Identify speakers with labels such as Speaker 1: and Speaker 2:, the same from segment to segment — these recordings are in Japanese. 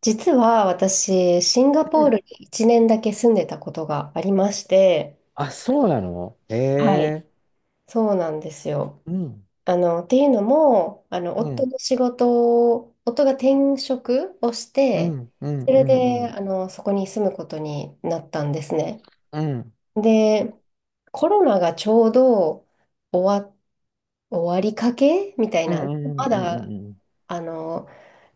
Speaker 1: 実は私、シンガ
Speaker 2: う
Speaker 1: ポール
Speaker 2: ん。
Speaker 1: に1年だけ住んでたことがありまして、
Speaker 2: あ、そうなのへ
Speaker 1: はい。
Speaker 2: え。
Speaker 1: そうなんですよ。
Speaker 2: うん。
Speaker 1: あの、っていうのも、あの、
Speaker 2: う
Speaker 1: 夫
Speaker 2: ん。
Speaker 1: の仕事を、夫が転職をし
Speaker 2: う
Speaker 1: て、
Speaker 2: ん。うん。
Speaker 1: そ
Speaker 2: う
Speaker 1: れ
Speaker 2: ん。う
Speaker 1: で、
Speaker 2: ん。
Speaker 1: そこに住むことになったんですね。
Speaker 2: うん。
Speaker 1: で、コロナがちょうど終わ、終わりかけみたい
Speaker 2: う
Speaker 1: な、
Speaker 2: ん。うん。
Speaker 1: ま
Speaker 2: う
Speaker 1: だ、
Speaker 2: ん。うん。
Speaker 1: あの、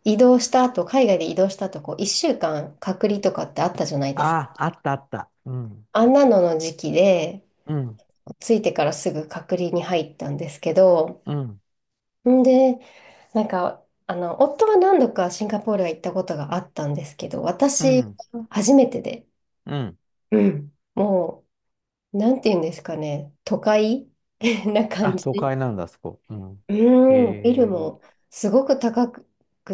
Speaker 1: 移動した後、海外で移動した後、こう、1週間隔離とかってあったじゃないですか。
Speaker 2: あ、あったあった。うん。
Speaker 1: あんなのの時期で、
Speaker 2: うん。
Speaker 1: ついてからすぐ隔離に入ったんですけど、
Speaker 2: うん。
Speaker 1: んで、なんか、夫は何度かシンガポールは行ったことがあったんですけど、
Speaker 2: う
Speaker 1: 私、
Speaker 2: ん。
Speaker 1: 初めてで、
Speaker 2: うん。
Speaker 1: うん、もう、なんて言うんですかね、都会 な
Speaker 2: あ、
Speaker 1: 感
Speaker 2: 都
Speaker 1: じ。
Speaker 2: 会なんだ、あそこ。うん。
Speaker 1: う
Speaker 2: へ
Speaker 1: ん、ビル
Speaker 2: え。
Speaker 1: もすごく高く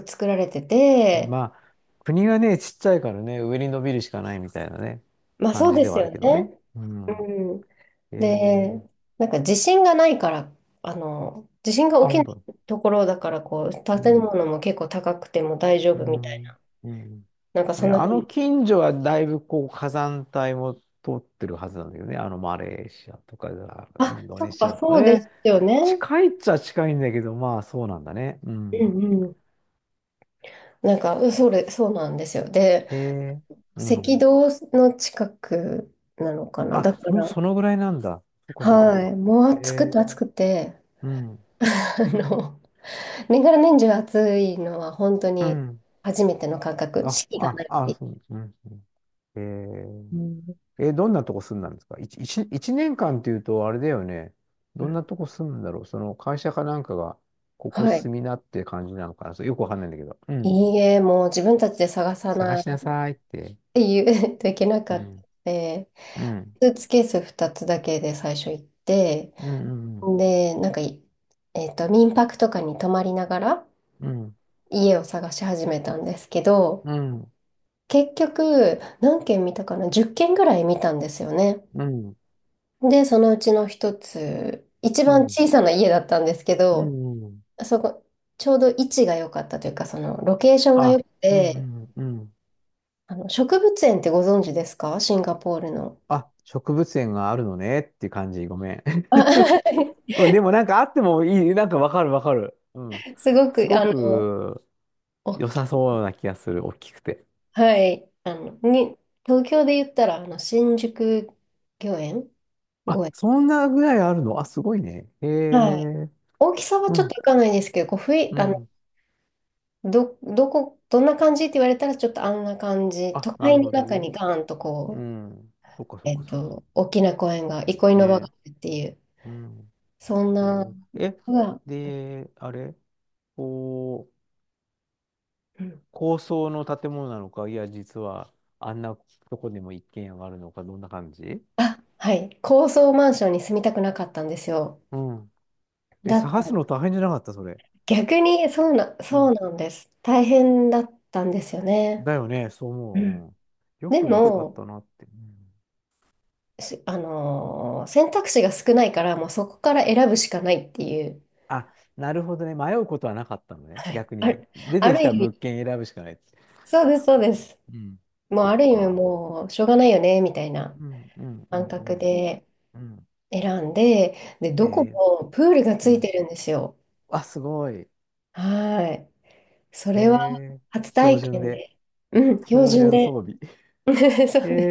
Speaker 1: 作られてて、
Speaker 2: まあ、国がね、ちっちゃいからね、上に伸びるしかないみたいなね、
Speaker 1: まあ
Speaker 2: 感
Speaker 1: そう
Speaker 2: じ
Speaker 1: で
Speaker 2: で
Speaker 1: す
Speaker 2: はあ
Speaker 1: よ
Speaker 2: る
Speaker 1: ね。
Speaker 2: けどね。う
Speaker 1: う
Speaker 2: ん。
Speaker 1: ん
Speaker 2: へ
Speaker 1: で、
Speaker 2: え。
Speaker 1: なんか地震がないから、地震が
Speaker 2: あ、
Speaker 1: 起き
Speaker 2: 本
Speaker 1: な
Speaker 2: 当
Speaker 1: い
Speaker 2: に。
Speaker 1: ところだから、こう、
Speaker 2: う
Speaker 1: 建
Speaker 2: ん。
Speaker 1: 物も結構高くても大丈
Speaker 2: う
Speaker 1: 夫みたいな、
Speaker 2: ん。うん。
Speaker 1: なんかそ
Speaker 2: ね、
Speaker 1: んな
Speaker 2: あ
Speaker 1: 風
Speaker 2: の
Speaker 1: に、
Speaker 2: 近所はだいぶこう火山帯も通ってるはずなんだけどね、あのマレーシアとか、イ
Speaker 1: あ、
Speaker 2: ンド
Speaker 1: そ
Speaker 2: ネ
Speaker 1: っ
Speaker 2: シ
Speaker 1: か、
Speaker 2: アとか
Speaker 1: そうです
Speaker 2: ね、
Speaker 1: よね。
Speaker 2: 近いっちゃ近いんだけど、まあそうなんだね。う
Speaker 1: う
Speaker 2: ん。
Speaker 1: んうん。なんか、うんそれ、そうなんですよ。で、
Speaker 2: へえ、う
Speaker 1: 赤
Speaker 2: ん。
Speaker 1: 道の近くなのかな。だ
Speaker 2: あ、
Speaker 1: か
Speaker 2: も
Speaker 1: ら、
Speaker 2: うそのぐらいなんだ。そっかそっかそ
Speaker 1: は
Speaker 2: っ
Speaker 1: い、
Speaker 2: か。
Speaker 1: もう暑く
Speaker 2: へえ、
Speaker 1: て暑くて、
Speaker 2: うん、
Speaker 1: あの、年がら年中暑いのは本当
Speaker 2: う
Speaker 1: に
Speaker 2: ん。
Speaker 1: 初めての感覚、
Speaker 2: あ、
Speaker 1: 四季がな
Speaker 2: あ、
Speaker 1: いって
Speaker 2: あ、
Speaker 1: い
Speaker 2: そう、うん、うん。へ
Speaker 1: う。うん
Speaker 2: え。え、どんなとこ住んだんですか一年間っていうと、あれだよね。どんなとこ住むんだろう、その会社かなんかが、ここ
Speaker 1: はい。
Speaker 2: 住みなって感じなのかな、そうよくわかんないんだけど。うん。
Speaker 1: いいえ、もう自分たちで探さ
Speaker 2: 探
Speaker 1: ない
Speaker 2: しな
Speaker 1: っ
Speaker 2: さいって。
Speaker 1: ていう といけ な
Speaker 2: う
Speaker 1: かったの
Speaker 2: ん。
Speaker 1: で、
Speaker 2: うん。
Speaker 1: スーツケース2つだけで最初行って、
Speaker 2: うん。
Speaker 1: で、なんかい、えっと、民泊とかに泊まりながら
Speaker 2: うん。
Speaker 1: 家を探し始めたんですけど、
Speaker 2: うん。
Speaker 1: 結局、何軒見たかな？ 10 軒ぐらい見たんですよね。
Speaker 2: うん。うん。
Speaker 1: で、そのうちの一つ、一番小さな家だったんですけ
Speaker 2: う
Speaker 1: ど、
Speaker 2: ん。うん。
Speaker 1: そこ、ちょうど位置が良かったというか、そのロケーションが良
Speaker 2: あ、
Speaker 1: く
Speaker 2: うん。う
Speaker 1: て、
Speaker 2: ん。うん、
Speaker 1: 植物園ってご存知ですかシンガポールの。
Speaker 2: あ、植物園があるのねっていう感じ。ごめん。
Speaker 1: あ
Speaker 2: うん、でもなんかあってもいい。なんかわかるわかる。うん。
Speaker 1: すご
Speaker 2: す
Speaker 1: く、
Speaker 2: ごく
Speaker 1: お
Speaker 2: 良
Speaker 1: っ
Speaker 2: さ
Speaker 1: き
Speaker 2: そうな気がする。大きくて。
Speaker 1: はい。東京で言ったら、新宿御苑
Speaker 2: あ、
Speaker 1: 御苑。
Speaker 2: そんなぐらいあるの、あ、すごいね。へ
Speaker 1: はい。
Speaker 2: え。
Speaker 1: 大きさは
Speaker 2: う
Speaker 1: ちょっと
Speaker 2: ん。
Speaker 1: いかないですけど、こう、ふい、
Speaker 2: う
Speaker 1: あの、
Speaker 2: ん。
Speaker 1: どんな感じって言われたら、ちょっとあんな感じ。
Speaker 2: あ、
Speaker 1: 都
Speaker 2: な
Speaker 1: 会
Speaker 2: る
Speaker 1: の
Speaker 2: ほど
Speaker 1: 中
Speaker 2: ね。
Speaker 1: にガーンと
Speaker 2: う
Speaker 1: こう、
Speaker 2: ん。そっかそっかそっかそっ
Speaker 1: 大きな公園が、憩い
Speaker 2: か。
Speaker 1: の場があ
Speaker 2: ね。
Speaker 1: るっていう、
Speaker 2: うん。
Speaker 1: そん
Speaker 2: え
Speaker 1: な、
Speaker 2: ーえ、
Speaker 1: うわ、
Speaker 2: で、あれ、こう、
Speaker 1: うん。
Speaker 2: 高層の建物なのか、いや、実は、あんなとこでも一軒家があるのか、どんな感じ。
Speaker 1: あ、はい。高層マンションに住みたくなかったんですよ。
Speaker 2: うん。え、
Speaker 1: だか
Speaker 2: 探す
Speaker 1: ら
Speaker 2: の大変じゃなかった、それ。
Speaker 1: 逆に
Speaker 2: う
Speaker 1: そう
Speaker 2: ん。
Speaker 1: なんです。大変だったんですよね。
Speaker 2: だよね、そう思
Speaker 1: うん。
Speaker 2: う。うん。よ
Speaker 1: で
Speaker 2: く見つかっ
Speaker 1: も、
Speaker 2: たなって。うん、
Speaker 1: しあのー選択肢が少ないから、もうそこから選ぶしかないっていう。
Speaker 2: あ、なるほどね。迷うことはなかったのね。
Speaker 1: はい。
Speaker 2: 逆に。出
Speaker 1: あ
Speaker 2: てき
Speaker 1: る意
Speaker 2: た
Speaker 1: 味、
Speaker 2: 物件選ぶしかない。
Speaker 1: そうです、そうです。
Speaker 2: うん。
Speaker 1: もう
Speaker 2: そっ
Speaker 1: ある意味
Speaker 2: か。
Speaker 1: もうしょうがないよね、みたいな
Speaker 2: うんうんう
Speaker 1: 感
Speaker 2: んう
Speaker 1: 覚
Speaker 2: ん。
Speaker 1: で
Speaker 2: うん。
Speaker 1: 選んで、で、ど
Speaker 2: へ
Speaker 1: こ
Speaker 2: え
Speaker 1: もプールが
Speaker 2: ー、
Speaker 1: つ
Speaker 2: う
Speaker 1: い
Speaker 2: ん。
Speaker 1: てるんですよ。
Speaker 2: あ、すごい。へ
Speaker 1: はい。それは
Speaker 2: え。
Speaker 1: 初
Speaker 2: 標
Speaker 1: 体
Speaker 2: 準
Speaker 1: 験
Speaker 2: で。
Speaker 1: で、うん、標
Speaker 2: 標
Speaker 1: 準
Speaker 2: 準
Speaker 1: で。
Speaker 2: 装備。
Speaker 1: そ
Speaker 2: へ
Speaker 1: うね、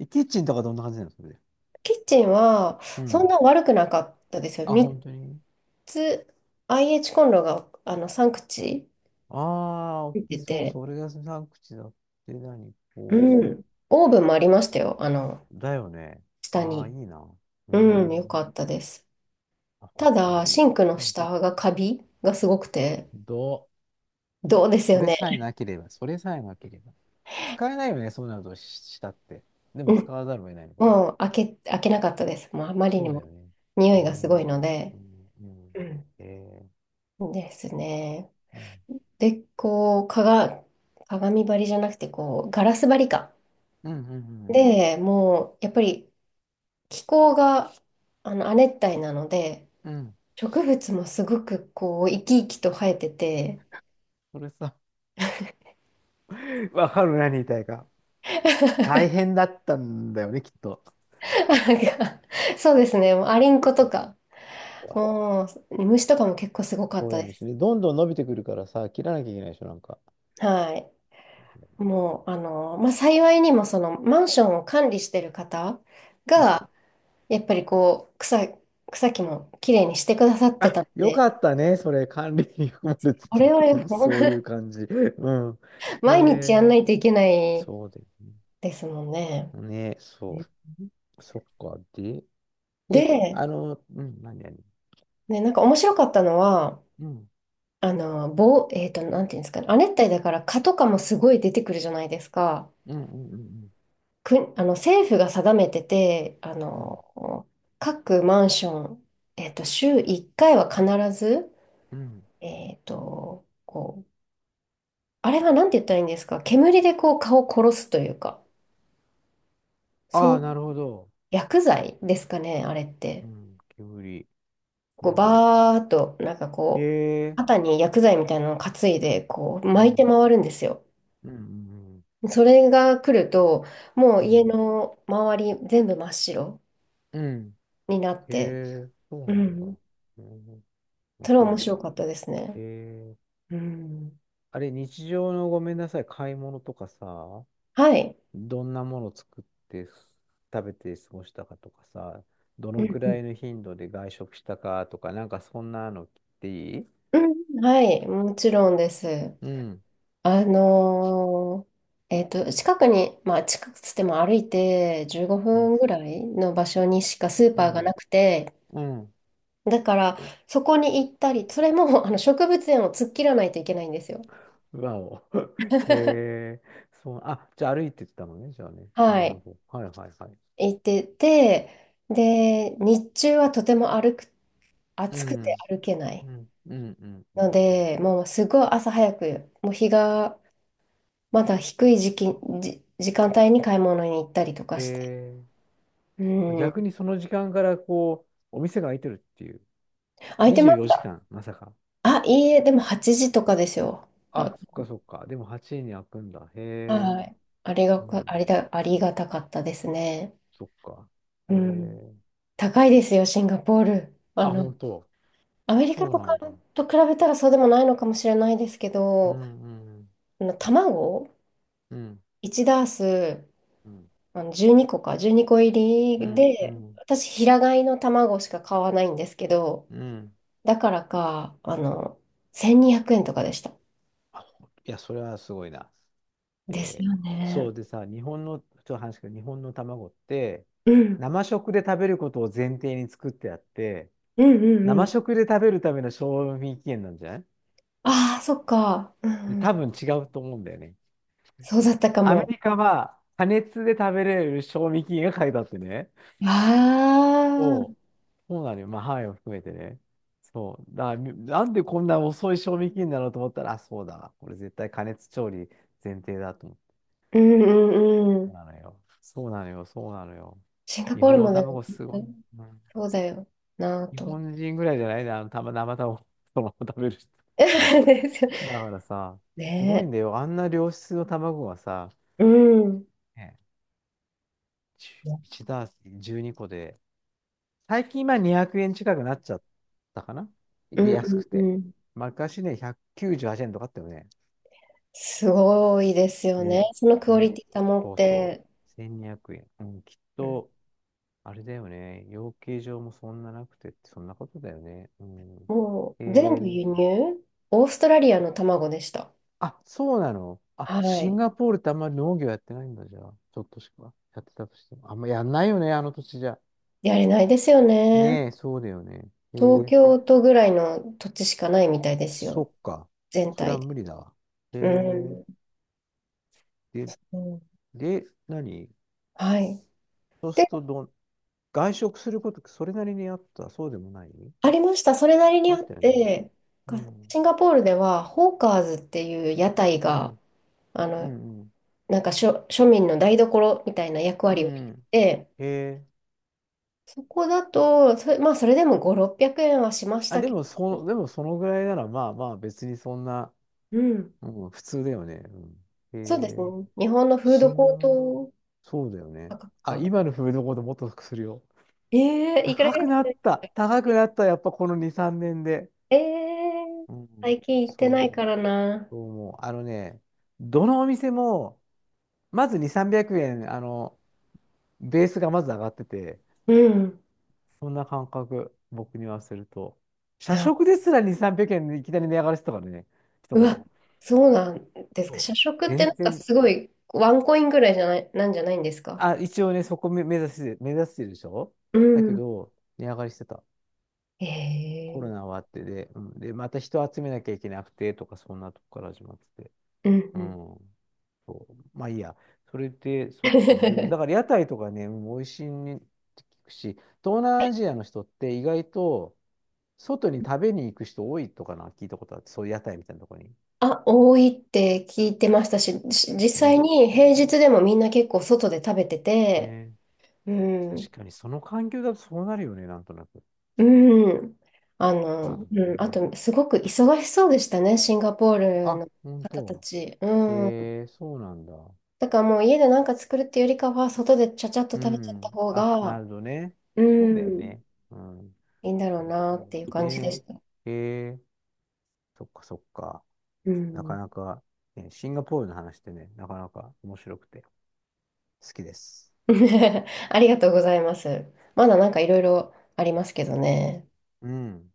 Speaker 2: え。キッチンとかどんな感じなのそれで。
Speaker 1: キッチンは
Speaker 2: う
Speaker 1: そん
Speaker 2: ん。
Speaker 1: な悪くなかったですよ。
Speaker 2: あ、
Speaker 1: 3
Speaker 2: 本当に。
Speaker 1: つ IH コンロが3口
Speaker 2: ああ、
Speaker 1: つ
Speaker 2: 大
Speaker 1: い
Speaker 2: き
Speaker 1: て
Speaker 2: そう。
Speaker 1: て、
Speaker 2: それが3口だって、何
Speaker 1: う
Speaker 2: こ
Speaker 1: ん。オーブンもありましたよ。
Speaker 2: う。だよね。
Speaker 1: 下
Speaker 2: ああ、いい
Speaker 1: に。
Speaker 2: な。うー
Speaker 1: うん、よか
Speaker 2: ん。
Speaker 1: ったです。
Speaker 2: あ、本
Speaker 1: た
Speaker 2: 当
Speaker 1: だ、
Speaker 2: に。
Speaker 1: シンクの
Speaker 2: うん。
Speaker 1: 下がカビがすごくて、
Speaker 2: どう、
Speaker 1: どうです
Speaker 2: そ
Speaker 1: よ
Speaker 2: れ
Speaker 1: ね。
Speaker 2: さえなければ、それさえなければ。使えないよね、そうなるとしたって。で
Speaker 1: う
Speaker 2: も使
Speaker 1: ん。
Speaker 2: わざるを得ないのかな。
Speaker 1: もう開けなかったです。もうあまり
Speaker 2: そ
Speaker 1: に
Speaker 2: うだよ
Speaker 1: も
Speaker 2: ね。
Speaker 1: 匂
Speaker 2: うー
Speaker 1: いがすごい
Speaker 2: ん。
Speaker 1: ので。
Speaker 2: うん。うん。
Speaker 1: うん。
Speaker 2: えー、
Speaker 1: ですね。
Speaker 2: うん。
Speaker 1: で、こう、鏡張りじゃなくて、こう、ガラス張りか。
Speaker 2: うん。うん。うん。
Speaker 1: で、もう、やっぱり気候が亜熱帯なので、
Speaker 2: うん、
Speaker 1: 植物もすごくこう生き生きと生えてて、
Speaker 2: それさ、わかる、何言いたいか。大変だったんだよね、きっと。
Speaker 1: なんか、そうですね、もうアリンコ
Speaker 2: う
Speaker 1: と
Speaker 2: ん、
Speaker 1: か、
Speaker 2: わ、
Speaker 1: もう虫とかも結構すごかっ
Speaker 2: そう
Speaker 1: た
Speaker 2: なん
Speaker 1: で
Speaker 2: です
Speaker 1: す。
Speaker 2: ね。どんどん伸びてくるからさ、切らなきゃいけないでしょ、なんか。
Speaker 1: はい。もう、まあ、幸いにもそのマンションを管理してる方
Speaker 2: うん、
Speaker 1: が、やっぱりこう、草木もきれいにしてくださって
Speaker 2: あ、
Speaker 1: たの
Speaker 2: よ
Speaker 1: で、
Speaker 2: かったね、それ、管理に含まれて
Speaker 1: こ
Speaker 2: てっ
Speaker 1: れは
Speaker 2: ていう、
Speaker 1: ほん
Speaker 2: そういう感じ。うん。へ
Speaker 1: 毎日やんな
Speaker 2: え、
Speaker 1: いといけない
Speaker 2: そうだよね。
Speaker 1: ですもんね。
Speaker 2: ね、そう。そっか。で、え、
Speaker 1: で、
Speaker 2: あの、うん、何、何、
Speaker 1: ね、なんか面白かったのは、
Speaker 2: うん、
Speaker 1: あの、棒、えっと、なんていうんですかね。亜熱帯だから蚊とかもすごい出てくるじゃないですか。
Speaker 2: うん、うん、うん、
Speaker 1: く、あの、政府が定めてて、
Speaker 2: うん、うん。
Speaker 1: 各マンション、週1回は必ず、
Speaker 2: うん、
Speaker 1: こう、あれはなんて言ったらいいんですか。煙でこう蚊を殺すというか、
Speaker 2: あ
Speaker 1: そう、
Speaker 2: あ、なるほど。
Speaker 1: 薬剤ですかね、あれっ
Speaker 2: う
Speaker 1: て。
Speaker 2: ん、煙。う
Speaker 1: こう、
Speaker 2: ん。
Speaker 1: バーっと、なんか
Speaker 2: へ
Speaker 1: こう、
Speaker 2: え、
Speaker 1: 肩に薬剤みたいなのを担いで、こう、
Speaker 2: う
Speaker 1: 巻いて
Speaker 2: ん、
Speaker 1: 回るんですよ。
Speaker 2: うん、うん、
Speaker 1: それが来ると、も
Speaker 2: う
Speaker 1: う
Speaker 2: ん、う
Speaker 1: 家
Speaker 2: ん。
Speaker 1: の周り全部真っ白
Speaker 2: うん、
Speaker 1: になっ
Speaker 2: へ
Speaker 1: て、
Speaker 2: え、そう
Speaker 1: う
Speaker 2: なんだ。
Speaker 1: ん。
Speaker 2: うん、面
Speaker 1: それは
Speaker 2: 白い
Speaker 1: 面
Speaker 2: ね。
Speaker 1: 白かったです
Speaker 2: へ
Speaker 1: ね。
Speaker 2: え、
Speaker 1: うん。
Speaker 2: あれ、日常のごめんなさい、買い物とかさ、
Speaker 1: はい。
Speaker 2: どんなもの作って食べて過ごしたかとかさ、ど
Speaker 1: う
Speaker 2: の
Speaker 1: ん
Speaker 2: く
Speaker 1: うん
Speaker 2: らいの頻度で外食したかとか、なんかそんなの聞いていい、
Speaker 1: うん、はい、もちろんです。
Speaker 2: うん、
Speaker 1: あの近くに、まあ近くつっても歩いて15
Speaker 2: うん、
Speaker 1: 分ぐらいの場所にしかスー
Speaker 2: う
Speaker 1: パーがな
Speaker 2: ん、
Speaker 1: くて、
Speaker 2: うん。
Speaker 1: だからそこに行ったり、それもあの植物園を突っ切らないといけないんですよ。
Speaker 2: わお。へえ、そう、あ、じゃあ歩いてったのね、じゃあね。なる
Speaker 1: は
Speaker 2: ほ
Speaker 1: い。
Speaker 2: ど。はいはいはい。
Speaker 1: 行ってて、で、日中はとても歩く、
Speaker 2: う
Speaker 1: 暑く
Speaker 2: ん、
Speaker 1: て歩けない
Speaker 2: うん、うん、うん、う
Speaker 1: の
Speaker 2: ん。うん、
Speaker 1: で、もうすごい朝早く、もう日がまだ低い時期、時間帯に買い物に行ったりとかして。
Speaker 2: へ
Speaker 1: う
Speaker 2: え、
Speaker 1: ん、
Speaker 2: 逆にその時間からこう、お店が開いてるっていう。
Speaker 1: 空いてま
Speaker 2: 24
Speaker 1: し
Speaker 2: 時
Speaker 1: た。
Speaker 2: 間、まさか。
Speaker 1: あ、いいえ、でも8時とかですよ。あ、
Speaker 2: あ、そっかそっか。でも8時に開くんだ。へえ。
Speaker 1: はい。ありが
Speaker 2: う
Speaker 1: か、あり
Speaker 2: ん、
Speaker 1: だ、ありがたかったですね。
Speaker 2: そっか。
Speaker 1: う
Speaker 2: え
Speaker 1: ん。
Speaker 2: ー、
Speaker 1: 高いですよ、シンガポール。
Speaker 2: あ、本当。
Speaker 1: アメリカ
Speaker 2: そう
Speaker 1: と
Speaker 2: な
Speaker 1: か
Speaker 2: んだ。
Speaker 1: と比べたらそうでもないのかもしれないですけ
Speaker 2: うんう
Speaker 1: ど、
Speaker 2: ん
Speaker 1: 卵
Speaker 2: うん
Speaker 1: 1ダース、
Speaker 2: うん
Speaker 1: 12個か、12個入
Speaker 2: う
Speaker 1: り
Speaker 2: んう
Speaker 1: で、
Speaker 2: ん
Speaker 1: 私、平飼いの卵しか買わないんですけど、
Speaker 2: うん、
Speaker 1: だからか、1200円とかでした。
Speaker 2: あ、ほいや、それはすごいな。
Speaker 1: です
Speaker 2: えー、
Speaker 1: よ
Speaker 2: そ
Speaker 1: ね。
Speaker 2: うでさ、日本の、ちょっと話すけど、日本の卵って、
Speaker 1: うん。
Speaker 2: 生食で食べることを前提に作ってあって、
Speaker 1: うんうんう
Speaker 2: 生
Speaker 1: ん。
Speaker 2: 食で食べるための賞味期限なんじゃない、
Speaker 1: ああ、そっか。う
Speaker 2: で、
Speaker 1: んう
Speaker 2: 多
Speaker 1: ん。
Speaker 2: 分違うと思うんだよね。
Speaker 1: そうだったか
Speaker 2: アメ
Speaker 1: も。
Speaker 2: リカは、加熱で食べれる賞味期限が書いてあってね。
Speaker 1: ああ、うん
Speaker 2: そう。そうなのよ。まあ、範囲を含めてね。そう。だから、みなんでこんな遅い賞味期限なのと思ったら、あ、そうだ。これ絶対加熱調理前提だと思って。
Speaker 1: うんう
Speaker 2: そう
Speaker 1: ん。
Speaker 2: なのよ。そうなのよ。そうなのよ。
Speaker 1: シンガ
Speaker 2: 日
Speaker 1: ポー
Speaker 2: 本
Speaker 1: ル
Speaker 2: の
Speaker 1: もでも
Speaker 2: 卵
Speaker 1: きっ
Speaker 2: すごい。
Speaker 1: と、
Speaker 2: うん、
Speaker 1: そうだよなぁ
Speaker 2: 日
Speaker 1: と。
Speaker 2: 本人ぐらいじゃないな、あの、たま、生卵、そのまま食べる人。そう
Speaker 1: ですよ
Speaker 2: だからさ、すごいん
Speaker 1: ね
Speaker 2: だよ。あんな良質の卵がさ、
Speaker 1: え。うん。うん
Speaker 2: ね、1ダース12個で、最近今200円近くなっちゃったかな、
Speaker 1: う
Speaker 2: で、安く
Speaker 1: ん
Speaker 2: て。
Speaker 1: うん。
Speaker 2: 昔ね、198円とかあったよね。
Speaker 1: すごいですよね、
Speaker 2: ね、
Speaker 1: そのクオリ
Speaker 2: ね、
Speaker 1: ティ保っ
Speaker 2: そうそう。
Speaker 1: て。
Speaker 2: 1200円。うん、きっ
Speaker 1: うん、
Speaker 2: と、あれだよね。養鶏場もそんななくてって、そんなことだよね。うん。
Speaker 1: も
Speaker 2: え
Speaker 1: う全部
Speaker 2: ー、
Speaker 1: 輸入、オーストラリアの卵でした。
Speaker 2: あ、そうなの、あ、
Speaker 1: は
Speaker 2: シン
Speaker 1: い。
Speaker 2: ガポールってあんまり農業やってないんだ、じゃあ。ちょっとしか。やってたとしても。あんまやんないよね、あの土地じゃ。
Speaker 1: やれないですよね。
Speaker 2: ねえ、そうだよね。え
Speaker 1: 東
Speaker 2: ー、
Speaker 1: 京都ぐらいの土地しかないみたいです
Speaker 2: そ
Speaker 1: よ。
Speaker 2: っか。
Speaker 1: 全
Speaker 2: それは
Speaker 1: 体で。
Speaker 2: 無理だわ。え
Speaker 1: う
Speaker 2: ー、
Speaker 1: ん。
Speaker 2: で、
Speaker 1: うん
Speaker 2: で、何、
Speaker 1: はい。
Speaker 2: そうす
Speaker 1: で、
Speaker 2: るとどん、外食すること、それなりにあった、そうでもない、
Speaker 1: ありました。それなりに
Speaker 2: あ
Speaker 1: あっ
Speaker 2: ったよね。
Speaker 1: て、
Speaker 2: う
Speaker 1: か
Speaker 2: ん、
Speaker 1: シンガポールでは、ホーカーズっていう屋台
Speaker 2: う
Speaker 1: が、
Speaker 2: ん、
Speaker 1: あ
Speaker 2: う
Speaker 1: の、
Speaker 2: ん、うん。
Speaker 1: なんか庶民の台所みたいな役
Speaker 2: う
Speaker 1: 割をし
Speaker 2: ん、
Speaker 1: て、
Speaker 2: へえ。
Speaker 1: そこだと、それ、まあ、それでも5、600円はしまし
Speaker 2: あ、
Speaker 1: た
Speaker 2: で
Speaker 1: け
Speaker 2: も、
Speaker 1: ど、
Speaker 2: そ、でもそのぐらいなら、まあまあ、別にそんな、
Speaker 1: うん。
Speaker 2: うん、普通だよね。うん、
Speaker 1: そうです
Speaker 2: へえ。
Speaker 1: ね。日本のフードコー
Speaker 2: 新が、
Speaker 1: ト
Speaker 2: そうだよね。
Speaker 1: 価格
Speaker 2: あ、
Speaker 1: かな。
Speaker 2: 今のフードコートもっとするよ。
Speaker 1: ええ、いくら
Speaker 2: 高
Speaker 1: ぐら
Speaker 2: く
Speaker 1: いす
Speaker 2: なっ
Speaker 1: る、
Speaker 2: た。高くなった。やっぱこの2、3年で。
Speaker 1: ええー、
Speaker 2: うん、
Speaker 1: 最近行っ
Speaker 2: そ
Speaker 1: て
Speaker 2: う
Speaker 1: ない
Speaker 2: 思
Speaker 1: か
Speaker 2: う。
Speaker 1: らな。
Speaker 2: そう思う。あのね、どのお店も、まず2、300円、あの、ベースがまず上がってて、
Speaker 1: うん。
Speaker 2: そんな感覚、僕にはすると。社
Speaker 1: あ、
Speaker 2: 食ですら2、300円でいきなり値上がりしてたからね、一
Speaker 1: う
Speaker 2: 頃。
Speaker 1: わ、そうなんですか。
Speaker 2: そう、
Speaker 1: 社食って
Speaker 2: 全
Speaker 1: なんか
Speaker 2: 然、
Speaker 1: すごいワンコインぐらいじゃない、なんじゃないんですか。
Speaker 2: あ、一応ね、そこ目指して、目指してるでしょ、
Speaker 1: う
Speaker 2: だけ
Speaker 1: ん。
Speaker 2: ど、値上がりしてた。
Speaker 1: え
Speaker 2: コロ
Speaker 1: ー、
Speaker 2: ナ終わって、で、うん、で、また人集めなきゃいけなくてとか、そんなとこから始まってて。
Speaker 1: うんう
Speaker 2: う
Speaker 1: ん。
Speaker 2: ん。そう。まあいいや。それで、そっか。でも、だから屋台とかね、うん、美味しいねって聞くし、東南アジアの人って意外と外に食べに行く人多いとかな、聞いたことあって、そういう屋台みたいなとこに。
Speaker 1: あ、多いって聞いてましたし、実
Speaker 2: ね。
Speaker 1: 際に平日でもみんな結構外で食べてて、
Speaker 2: ね。
Speaker 1: う
Speaker 2: 確
Speaker 1: ん、
Speaker 2: かに、その環境だとそうなるよね、なんとなく。
Speaker 1: うん、
Speaker 2: なるほ
Speaker 1: う
Speaker 2: ど
Speaker 1: ん、あ
Speaker 2: ね。
Speaker 1: と、すごく忙しそうでしたね、シンガポール
Speaker 2: あ、
Speaker 1: の
Speaker 2: 本
Speaker 1: 方た
Speaker 2: 当。
Speaker 1: ち。うん。
Speaker 2: へえ、そうなんだ。
Speaker 1: だからもう家で何か作るっていうよりかは、外でちゃちゃっと
Speaker 2: う
Speaker 1: 食べちゃった
Speaker 2: ん。
Speaker 1: 方
Speaker 2: あ、な
Speaker 1: が、
Speaker 2: るほどね。
Speaker 1: う
Speaker 2: そうだよ
Speaker 1: ん、
Speaker 2: ね。うん。
Speaker 1: いいんだろ
Speaker 2: そ
Speaker 1: う
Speaker 2: う
Speaker 1: な
Speaker 2: そ
Speaker 1: っていう
Speaker 2: う。
Speaker 1: 感じでし
Speaker 2: ね
Speaker 1: た。
Speaker 2: え。へえ、そっかそっか。
Speaker 1: う
Speaker 2: なか
Speaker 1: ん。
Speaker 2: なか、ね、シンガポールの話ってね、なかなか面白くて好きです。
Speaker 1: ありがとうございます。まだなんかいろいろありますけどね。
Speaker 2: うん。